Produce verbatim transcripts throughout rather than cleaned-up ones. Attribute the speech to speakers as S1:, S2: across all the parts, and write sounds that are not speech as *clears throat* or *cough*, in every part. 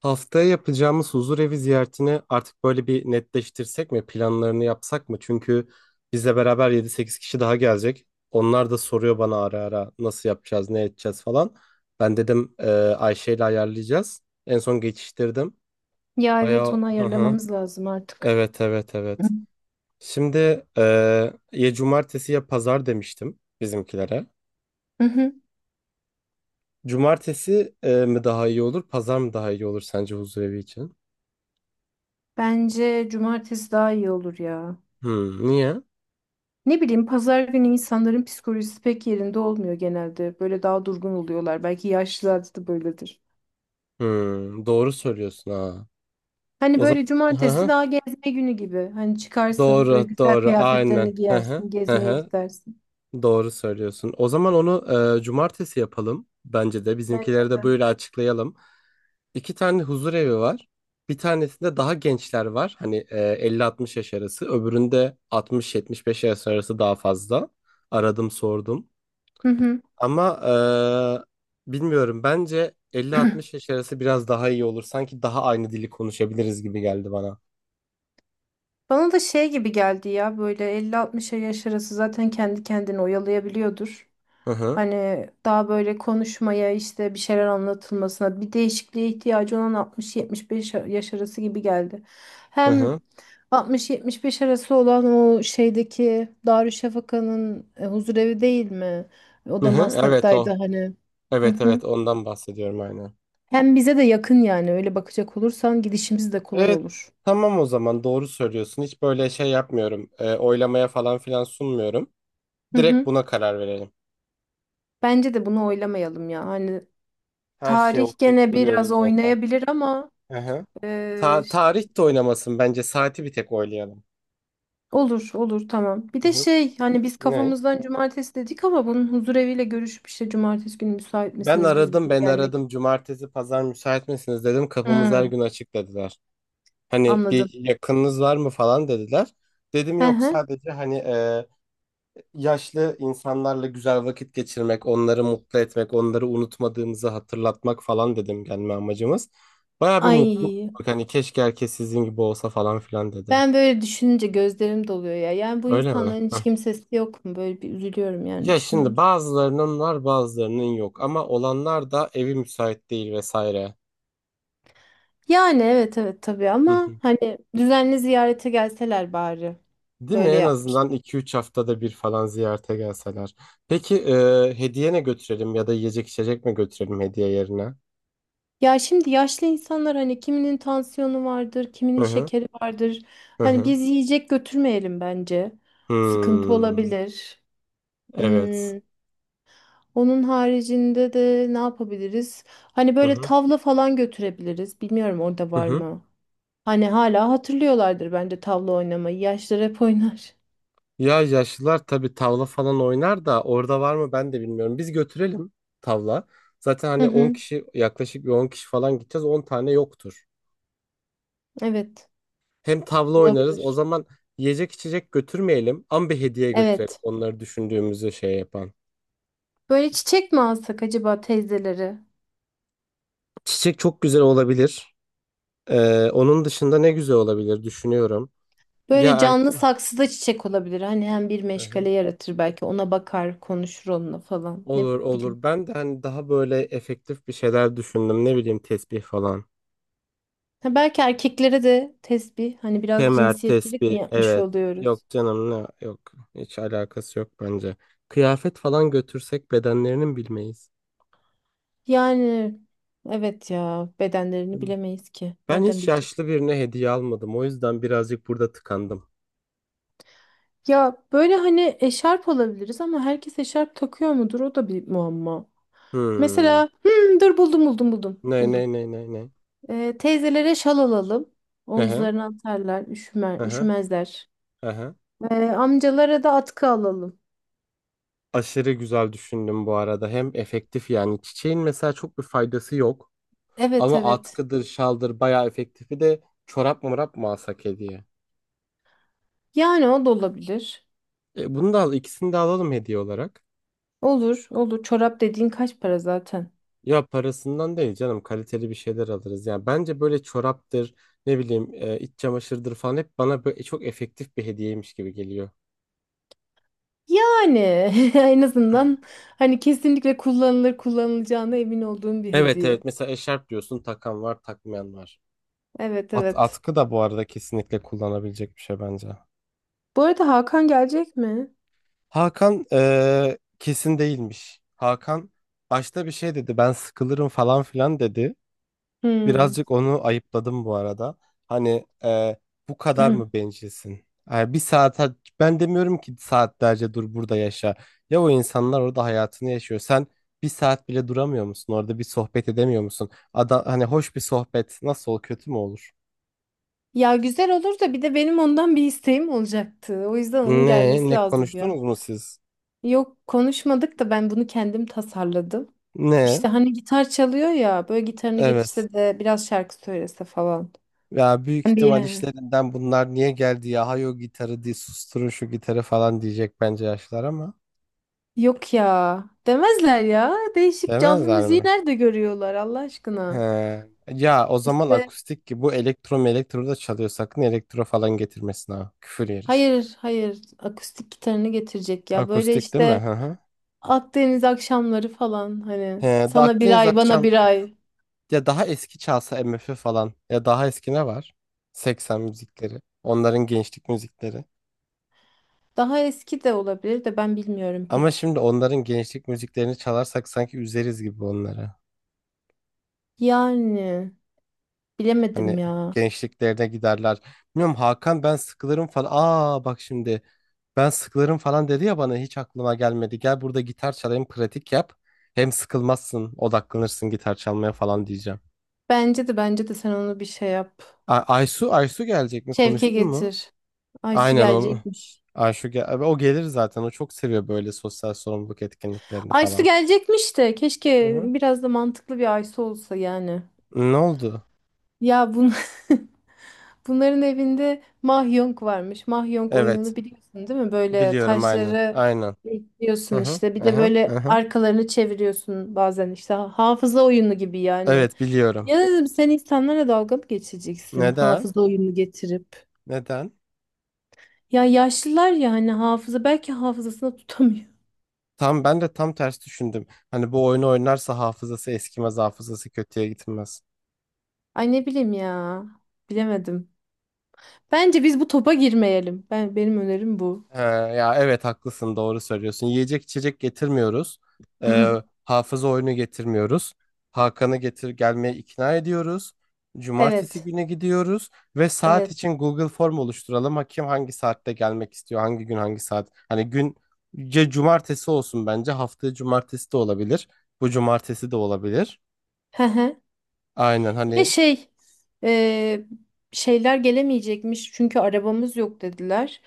S1: Haftaya yapacağımız huzurevi ziyaretini artık böyle bir netleştirsek mi? Planlarını yapsak mı? Çünkü bizle beraber yedi sekiz kişi daha gelecek. Onlar da soruyor bana ara ara nasıl yapacağız, ne edeceğiz falan. Ben dedim e, Ayşe ile ayarlayacağız. En son geçiştirdim.
S2: Ya evet
S1: Bayağı
S2: onu
S1: hı hı.
S2: ayarlamamız lazım artık.
S1: Evet evet
S2: Hı
S1: evet. Şimdi e, ya cumartesi ya pazar demiştim bizimkilere.
S2: hı. Hı.
S1: Cumartesi e, mi daha iyi olur, pazar mı daha iyi olur sence huzurevi için?
S2: Bence cumartesi daha iyi olur ya.
S1: Hmm, niye?
S2: Ne bileyim pazar günü insanların psikolojisi pek yerinde olmuyor genelde. Böyle daha durgun oluyorlar. Belki yaşlılarda da böyledir.
S1: Hmm, doğru söylüyorsun ha.
S2: Hani
S1: O
S2: böyle
S1: zaman hı
S2: cumartesi
S1: hı,
S2: daha gezme günü gibi. Hani çıkarsın böyle
S1: doğru
S2: güzel
S1: doğru aynen.
S2: kıyafetlerini
S1: Hı hı,
S2: giyersin,
S1: hı
S2: gezmeye
S1: hı,
S2: gidersin.
S1: doğru söylüyorsun. O zaman onu e, cumartesi yapalım bence de.
S2: Bence
S1: Bizimkileri de
S2: de.
S1: böyle açıklayalım. İki tane huzur evi var. Bir tanesinde daha gençler var. Hani e, elli altmış yaş arası. Öbüründe altmış yetmiş beş yaş arası daha fazla. Aradım sordum.
S2: Hı hı.
S1: Ama e, bilmiyorum, bence elli altmış yaş arası biraz daha iyi olur. Sanki daha aynı dili konuşabiliriz gibi geldi bana.
S2: Bana da şey gibi geldi ya böyle elli altmışa yaş arası zaten kendi kendini oyalayabiliyordur.
S1: Hı hı.
S2: Hani daha böyle konuşmaya işte bir şeyler anlatılmasına bir değişikliğe ihtiyacı olan altmış yetmiş beş yaş arası gibi geldi.
S1: Hı
S2: Hem
S1: hı.
S2: altmış yetmiş beş arası olan o şeydeki Darüşşafaka'nın e, huzurevi değil mi? O
S1: Hı
S2: da
S1: hı. Evet,
S2: Maslak'taydı
S1: o.
S2: hani. Hı
S1: Evet
S2: hı.
S1: evet, ondan bahsediyorum aynen.
S2: Hem bize de yakın yani öyle bakacak olursan gidişimiz de kolay
S1: Evet.
S2: olur.
S1: Tamam, o zaman doğru söylüyorsun. Hiç böyle şey yapmıyorum. E, oylamaya falan filan sunmuyorum.
S2: Hı
S1: Direkt
S2: hı.
S1: buna karar verelim.
S2: Bence de bunu oylamayalım ya. Hani
S1: Her şeye
S2: tarih
S1: okuyup
S2: gene biraz
S1: duruyoruz zaten.
S2: oynayabilir ama
S1: Hı hı.
S2: eee,
S1: Ta- tarih de oynamasın bence. Saati bir tek oylayalım.
S2: olur olur tamam. Bir
S1: Hı
S2: de
S1: hı.
S2: şey hani biz
S1: Ne?
S2: kafamızdan cumartesi dedik ama bunun huzureviyle görüşüp işte cumartesi günü müsait
S1: Ben
S2: misiniz biz
S1: aradım
S2: bugün
S1: ben
S2: gelmek?
S1: aradım. Cumartesi pazar müsait misiniz dedim. Kapımız her
S2: Hmm,
S1: gün açık dediler. Hani bir
S2: anladım.
S1: yakınınız var mı falan dediler. Dedim
S2: Hı
S1: yok,
S2: hı.
S1: sadece hani e, yaşlı insanlarla güzel vakit geçirmek, onları mutlu etmek, onları unutmadığımızı hatırlatmak falan dedim gelme amacımız. Bayağı bir mutlu olduk.
S2: Ay
S1: Hani keşke herkes sizin gibi olsa falan filan dedi.
S2: ben böyle düşününce gözlerim doluyor ya. Yani bu
S1: Öyle mi?
S2: insanların hiç
S1: Heh.
S2: kimsesi yok mu? Böyle bir üzülüyorum yani
S1: Ya şimdi
S2: düşününce.
S1: bazılarının var bazılarının yok ama olanlar da evi müsait değil vesaire.
S2: Yani evet evet tabii
S1: Hı
S2: ama
S1: hı.
S2: hani düzenli ziyarete gelseler bari.
S1: Değil mi?
S2: Böyle
S1: En
S2: yap.
S1: azından iki üç haftada bir falan ziyarete gelseler. Peki e, hediye ne götürelim, ya da yiyecek içecek mi götürelim hediye yerine?
S2: Ya şimdi yaşlı insanlar hani kiminin tansiyonu vardır, kiminin
S1: Hı hı.
S2: şekeri vardır.
S1: Hı
S2: Hani
S1: hı.
S2: biz yiyecek götürmeyelim bence. Sıkıntı
S1: Hmm.
S2: olabilir.
S1: Evet.
S2: Hmm, onun haricinde de ne yapabiliriz? Hani
S1: Hı
S2: böyle
S1: hı.
S2: tavla falan götürebiliriz. Bilmiyorum orada
S1: Hı
S2: var
S1: hı.
S2: mı? Hani hala hatırlıyorlardır bence tavla oynamayı. Yaşlılar hep oynar.
S1: Ya yaşlılar tabii tavla falan oynar da orada var mı ben de bilmiyorum. Biz götürelim tavla. Zaten
S2: Hı
S1: hani on
S2: hı,
S1: kişi, yaklaşık bir on kişi falan gideceğiz. On tane yoktur.
S2: evet,
S1: Hem tavla oynarız. O
S2: olabilir.
S1: zaman yiyecek içecek götürmeyelim ama bir hediye götürelim.
S2: Evet.
S1: Onları düşündüğümüzü şey yapan.
S2: Böyle çiçek mi alsak acaba teyzeleri?
S1: Çiçek çok güzel olabilir. Ee, onun dışında ne güzel olabilir düşünüyorum. Ya
S2: Böyle
S1: erk
S2: canlı saksıda çiçek olabilir. Hani hem bir
S1: Hı hı.
S2: meşgale yaratır belki. Ona bakar, konuşur onunla falan. Ne
S1: Olur
S2: bileyim.
S1: olur. Ben de hani daha böyle efektif bir şeyler düşündüm. Ne bileyim, tesbih falan.
S2: Ha, belki erkeklere de tesbih. Hani biraz
S1: Kemer,
S2: cinsiyetçilik mi
S1: tespih,
S2: yapmış
S1: evet. Yok
S2: oluyoruz?
S1: canım, ne yok. Hiç alakası yok bence. Kıyafet falan götürsek bedenlerinin bilmeyiz.
S2: Yani evet ya bedenlerini
S1: Değil mi?
S2: bilemeyiz ki.
S1: Ben
S2: Nereden
S1: hiç
S2: bileceğiz?
S1: yaşlı birine hediye almadım. O yüzden birazcık burada tıkandım.
S2: Ya böyle hani eşarp olabiliriz ama herkes eşarp takıyor mudur? O da bir muamma.
S1: Hmm.
S2: Mesela hmm, dur buldum buldum buldum.
S1: Ne ne
S2: Buldum.
S1: ne ne ne.
S2: Ee, teyzelere şal alalım.
S1: Aha,
S2: Omuzlarına atarlar, üşümer,
S1: aha,
S2: üşümezler.
S1: aha.
S2: Ee, amcalara da atkı alalım.
S1: Aşırı güzel düşündüm bu arada. Hem efektif yani. Çiçeğin mesela çok bir faydası yok.
S2: Evet
S1: Ama
S2: evet.
S1: atkıdır, şaldır bayağı efektifi de çorap mı mı alsak hediye?
S2: Yani o da olabilir.
S1: E, bunu da al, ikisini de alalım hediye olarak.
S2: Olur olur. Çorap dediğin kaç para zaten?
S1: Ya parasından değil canım, kaliteli bir şeyler alırız. Yani bence böyle çoraptır, ne bileyim, e, iç çamaşırdır falan hep bana böyle çok efektif bir hediyeymiş gibi geliyor.
S2: Yani *laughs* en azından hani kesinlikle kullanılır kullanılacağına emin olduğum bir
S1: Evet
S2: hediye.
S1: evet, mesela eşarp diyorsun, takan var takmayan var.
S2: Evet
S1: At,
S2: evet.
S1: atkı da bu arada kesinlikle kullanabilecek bir şey bence.
S2: Bu arada Hakan gelecek mi?
S1: Hakan e, kesin değilmiş. Hakan başta bir şey dedi, ben sıkılırım falan filan dedi.
S2: Hmm.
S1: Birazcık onu ayıpladım bu arada. Hani e, bu kadar mı
S2: *clears throat*
S1: bencilsin? E, bir saat, ben demiyorum ki saatlerce dur burada yaşa. Ya o insanlar orada hayatını yaşıyor. Sen bir saat bile duramıyor musun? Orada bir sohbet edemiyor musun? Ada, hani hoş bir sohbet nasıl olur, kötü mü olur?
S2: Ya güzel olur da bir de benim ondan bir isteğim olacaktı. O yüzden onun
S1: Ne
S2: gelmesi
S1: ne
S2: lazım ya.
S1: konuştunuz mu siz?
S2: Yok konuşmadık da ben bunu kendim tasarladım.
S1: Ne?
S2: İşte hani gitar çalıyor ya böyle gitarını
S1: Evet.
S2: getirse de biraz şarkı söylese falan.
S1: Ya büyük
S2: Ben bir
S1: ihtimal işlerinden bunlar niye geldi ya? Hayo gitarı diye susturun şu gitarı falan diyecek bence yaşlar ama.
S2: yok ya demezler ya. Değişik canlı
S1: Demezler
S2: müziği
S1: mi?
S2: nerede görüyorlar Allah
S1: He.
S2: aşkına.
S1: Ya o zaman
S2: İşte
S1: akustik, ki bu elektro mu, elektro da çalıyor. Sakın elektro falan getirmesin ha. Küfür yeriz.
S2: hayır hayır akustik gitarını getirecek ya böyle
S1: Akustik değil mi?
S2: işte
S1: Hı hı.
S2: Akdeniz akşamları falan
S1: He,
S2: hani
S1: da
S2: sana bir
S1: Akdeniz
S2: ay bana
S1: akşam,
S2: bir ay.
S1: ya daha eski çalsa M MF falan, ya daha eski ne var? Seksen müzikleri. Onların gençlik müzikleri.
S2: Daha eski de olabilir de ben bilmiyorum
S1: Ama
S2: pek.
S1: şimdi onların gençlik müziklerini çalarsak sanki üzeriz gibi onları.
S2: Yani
S1: Hani
S2: bilemedim ya.
S1: gençliklerine giderler. Bilmiyorum, Hakan ben sıkılırım falan. Aa bak şimdi, ben sıkılırım falan dedi ya, bana hiç aklıma gelmedi. Gel burada gitar çalayım, pratik yap. Hem sıkılmazsın, odaklanırsın gitar çalmaya falan diyeceğim.
S2: Bence de bence de sen onu bir şey yap.
S1: A- Aysu Aysu gelecek mi,
S2: Şevke
S1: konuştun mu?
S2: getir. Aysu
S1: Aynen onu.
S2: gelecekmiş.
S1: Ayşu gel abi, o gelir zaten, o çok seviyor böyle sosyal sorumluluk etkinliklerini
S2: Aysu
S1: falan.
S2: gelecekmiş de
S1: Hı
S2: keşke
S1: hı.
S2: biraz da mantıklı bir Aysu olsa yani.
S1: Ne oldu?
S2: Ya bun *laughs* bunların evinde Mahjong varmış. Mahjong
S1: Evet
S2: oyununu biliyorsun değil mi? Böyle
S1: biliyorum aynen
S2: taşları
S1: aynen. Hı
S2: ekliyorsun
S1: hı
S2: işte. Bir
S1: hı
S2: de
S1: hı. Hı
S2: böyle
S1: hı.
S2: arkalarını çeviriyorsun bazen işte Ha- hafıza oyunu gibi yani.
S1: Evet, biliyorum.
S2: Ya dedim sen insanlara dalga mı geçeceksin
S1: Neden?
S2: hafıza oyunu getirip?
S1: Neden?
S2: Ya yaşlılar ya hani hafıza belki hafızasını tutamıyor.
S1: Tam ben de tam ters düşündüm. Hani bu oyunu oynarsa hafızası eskimez, hafızası kötüye gitmez.
S2: Ay ne bileyim ya. Bilemedim. Bence biz bu topa girmeyelim. Ben benim önerim bu.
S1: He, ya evet haklısın, doğru söylüyorsun. Yiyecek içecek getirmiyoruz. Ee,
S2: *clears throat*
S1: hafıza oyunu getirmiyoruz. Hakan'ı getir, gelmeye ikna ediyoruz. Cumartesi
S2: Evet.
S1: günü gidiyoruz ve saat
S2: Evet.
S1: için Google Form oluşturalım. Hakim hangi saatte gelmek istiyor, hangi gün hangi saat. Hani günce cumartesi olsun bence. Haftaya cumartesi de olabilir. Bu cumartesi de olabilir.
S2: Hı hı.
S1: Aynen
S2: Bir de
S1: hani.
S2: şey e, şeyler gelemeyecekmiş çünkü arabamız yok dediler.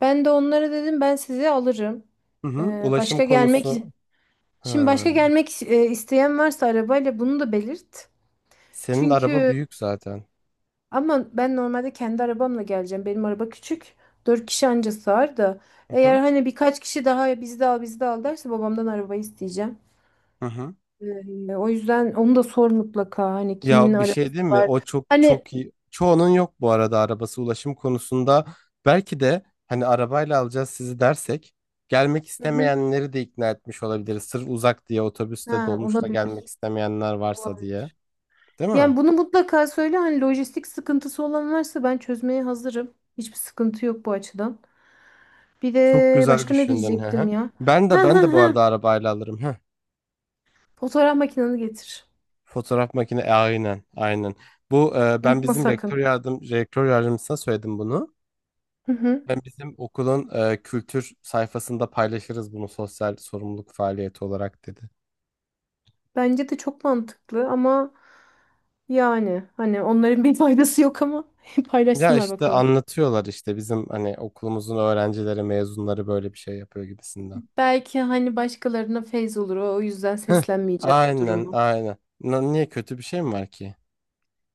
S2: Ben de onlara dedim ben sizi alırım.
S1: Hı
S2: E,
S1: hı. Ulaşım
S2: başka gelmek
S1: konusu.
S2: şimdi
S1: Ha.
S2: başka gelmek e, isteyen varsa arabayla bunu da belirt.
S1: Senin araba
S2: Çünkü
S1: büyük zaten.
S2: Ama ben normalde kendi arabamla geleceğim. Benim araba küçük. Dört kişi anca sığar da. Eğer
S1: Aha,
S2: hani birkaç kişi daha bizde al bizde al derse babamdan arabayı isteyeceğim.
S1: aha.
S2: Ee, o yüzden onu da sor mutlaka. Hani kimin
S1: Ya bir şey
S2: arabası
S1: değil mi?
S2: var.
S1: O çok
S2: Hani
S1: çok iyi. Çoğunun yok bu arada arabası, ulaşım konusunda. Belki de hani arabayla alacağız sizi dersek gelmek
S2: Hı hı.
S1: istemeyenleri de ikna etmiş olabiliriz. Sırf uzak diye otobüste
S2: Ha,
S1: dolmuşta gelmek
S2: olabilir.
S1: istemeyenler varsa
S2: Olabilir.
S1: diye. Değil mi?
S2: Yani bunu mutlaka söyle. Hani lojistik sıkıntısı olan varsa ben çözmeye hazırım. Hiçbir sıkıntı yok bu açıdan. Bir
S1: Çok
S2: de
S1: güzel
S2: başka ne
S1: düşündün. Hı hı.
S2: diyecektim ya?
S1: Ben
S2: Ha
S1: de ben de
S2: ha
S1: bu
S2: ha.
S1: arada arabayla alırım. Hı.
S2: Fotoğraf makinanı getir.
S1: Fotoğraf makine e, aynen aynen. Bu e, ben
S2: Unutma
S1: bizim
S2: sakın.
S1: rektör yardım rektör yardımcısına söyledim bunu.
S2: Hı hı.
S1: Ben bizim okulun e, kültür sayfasında paylaşırız bunu sosyal sorumluluk faaliyeti olarak dedi.
S2: Bence de çok mantıklı ama yani hani onların bir *laughs* faydası yok ama *laughs*
S1: Ya
S2: paylaşsınlar
S1: işte
S2: bakalım.
S1: anlatıyorlar işte bizim hani okulumuzun öğrencileri, mezunları böyle bir şey yapıyor gibisinden.
S2: Belki hani başkalarına feyz olur o, o yüzden
S1: Heh,
S2: seslenmeyeceğim bu
S1: aynen
S2: durumu.
S1: aynen. Na- niye kötü bir şey mi var ki?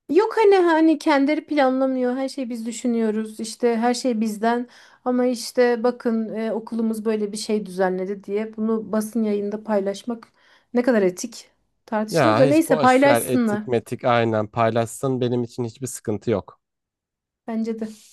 S2: Yok hani hani kendileri planlamıyor her şeyi biz düşünüyoruz işte her şey bizden ama işte bakın e, okulumuz böyle bir şey düzenledi diye bunu basın yayında paylaşmak ne kadar etik tartışılır
S1: Ya
S2: da
S1: hiç
S2: neyse
S1: boş ver
S2: paylaşsınlar
S1: etik metik, aynen paylaşsın, benim için hiçbir sıkıntı yok.
S2: bence de.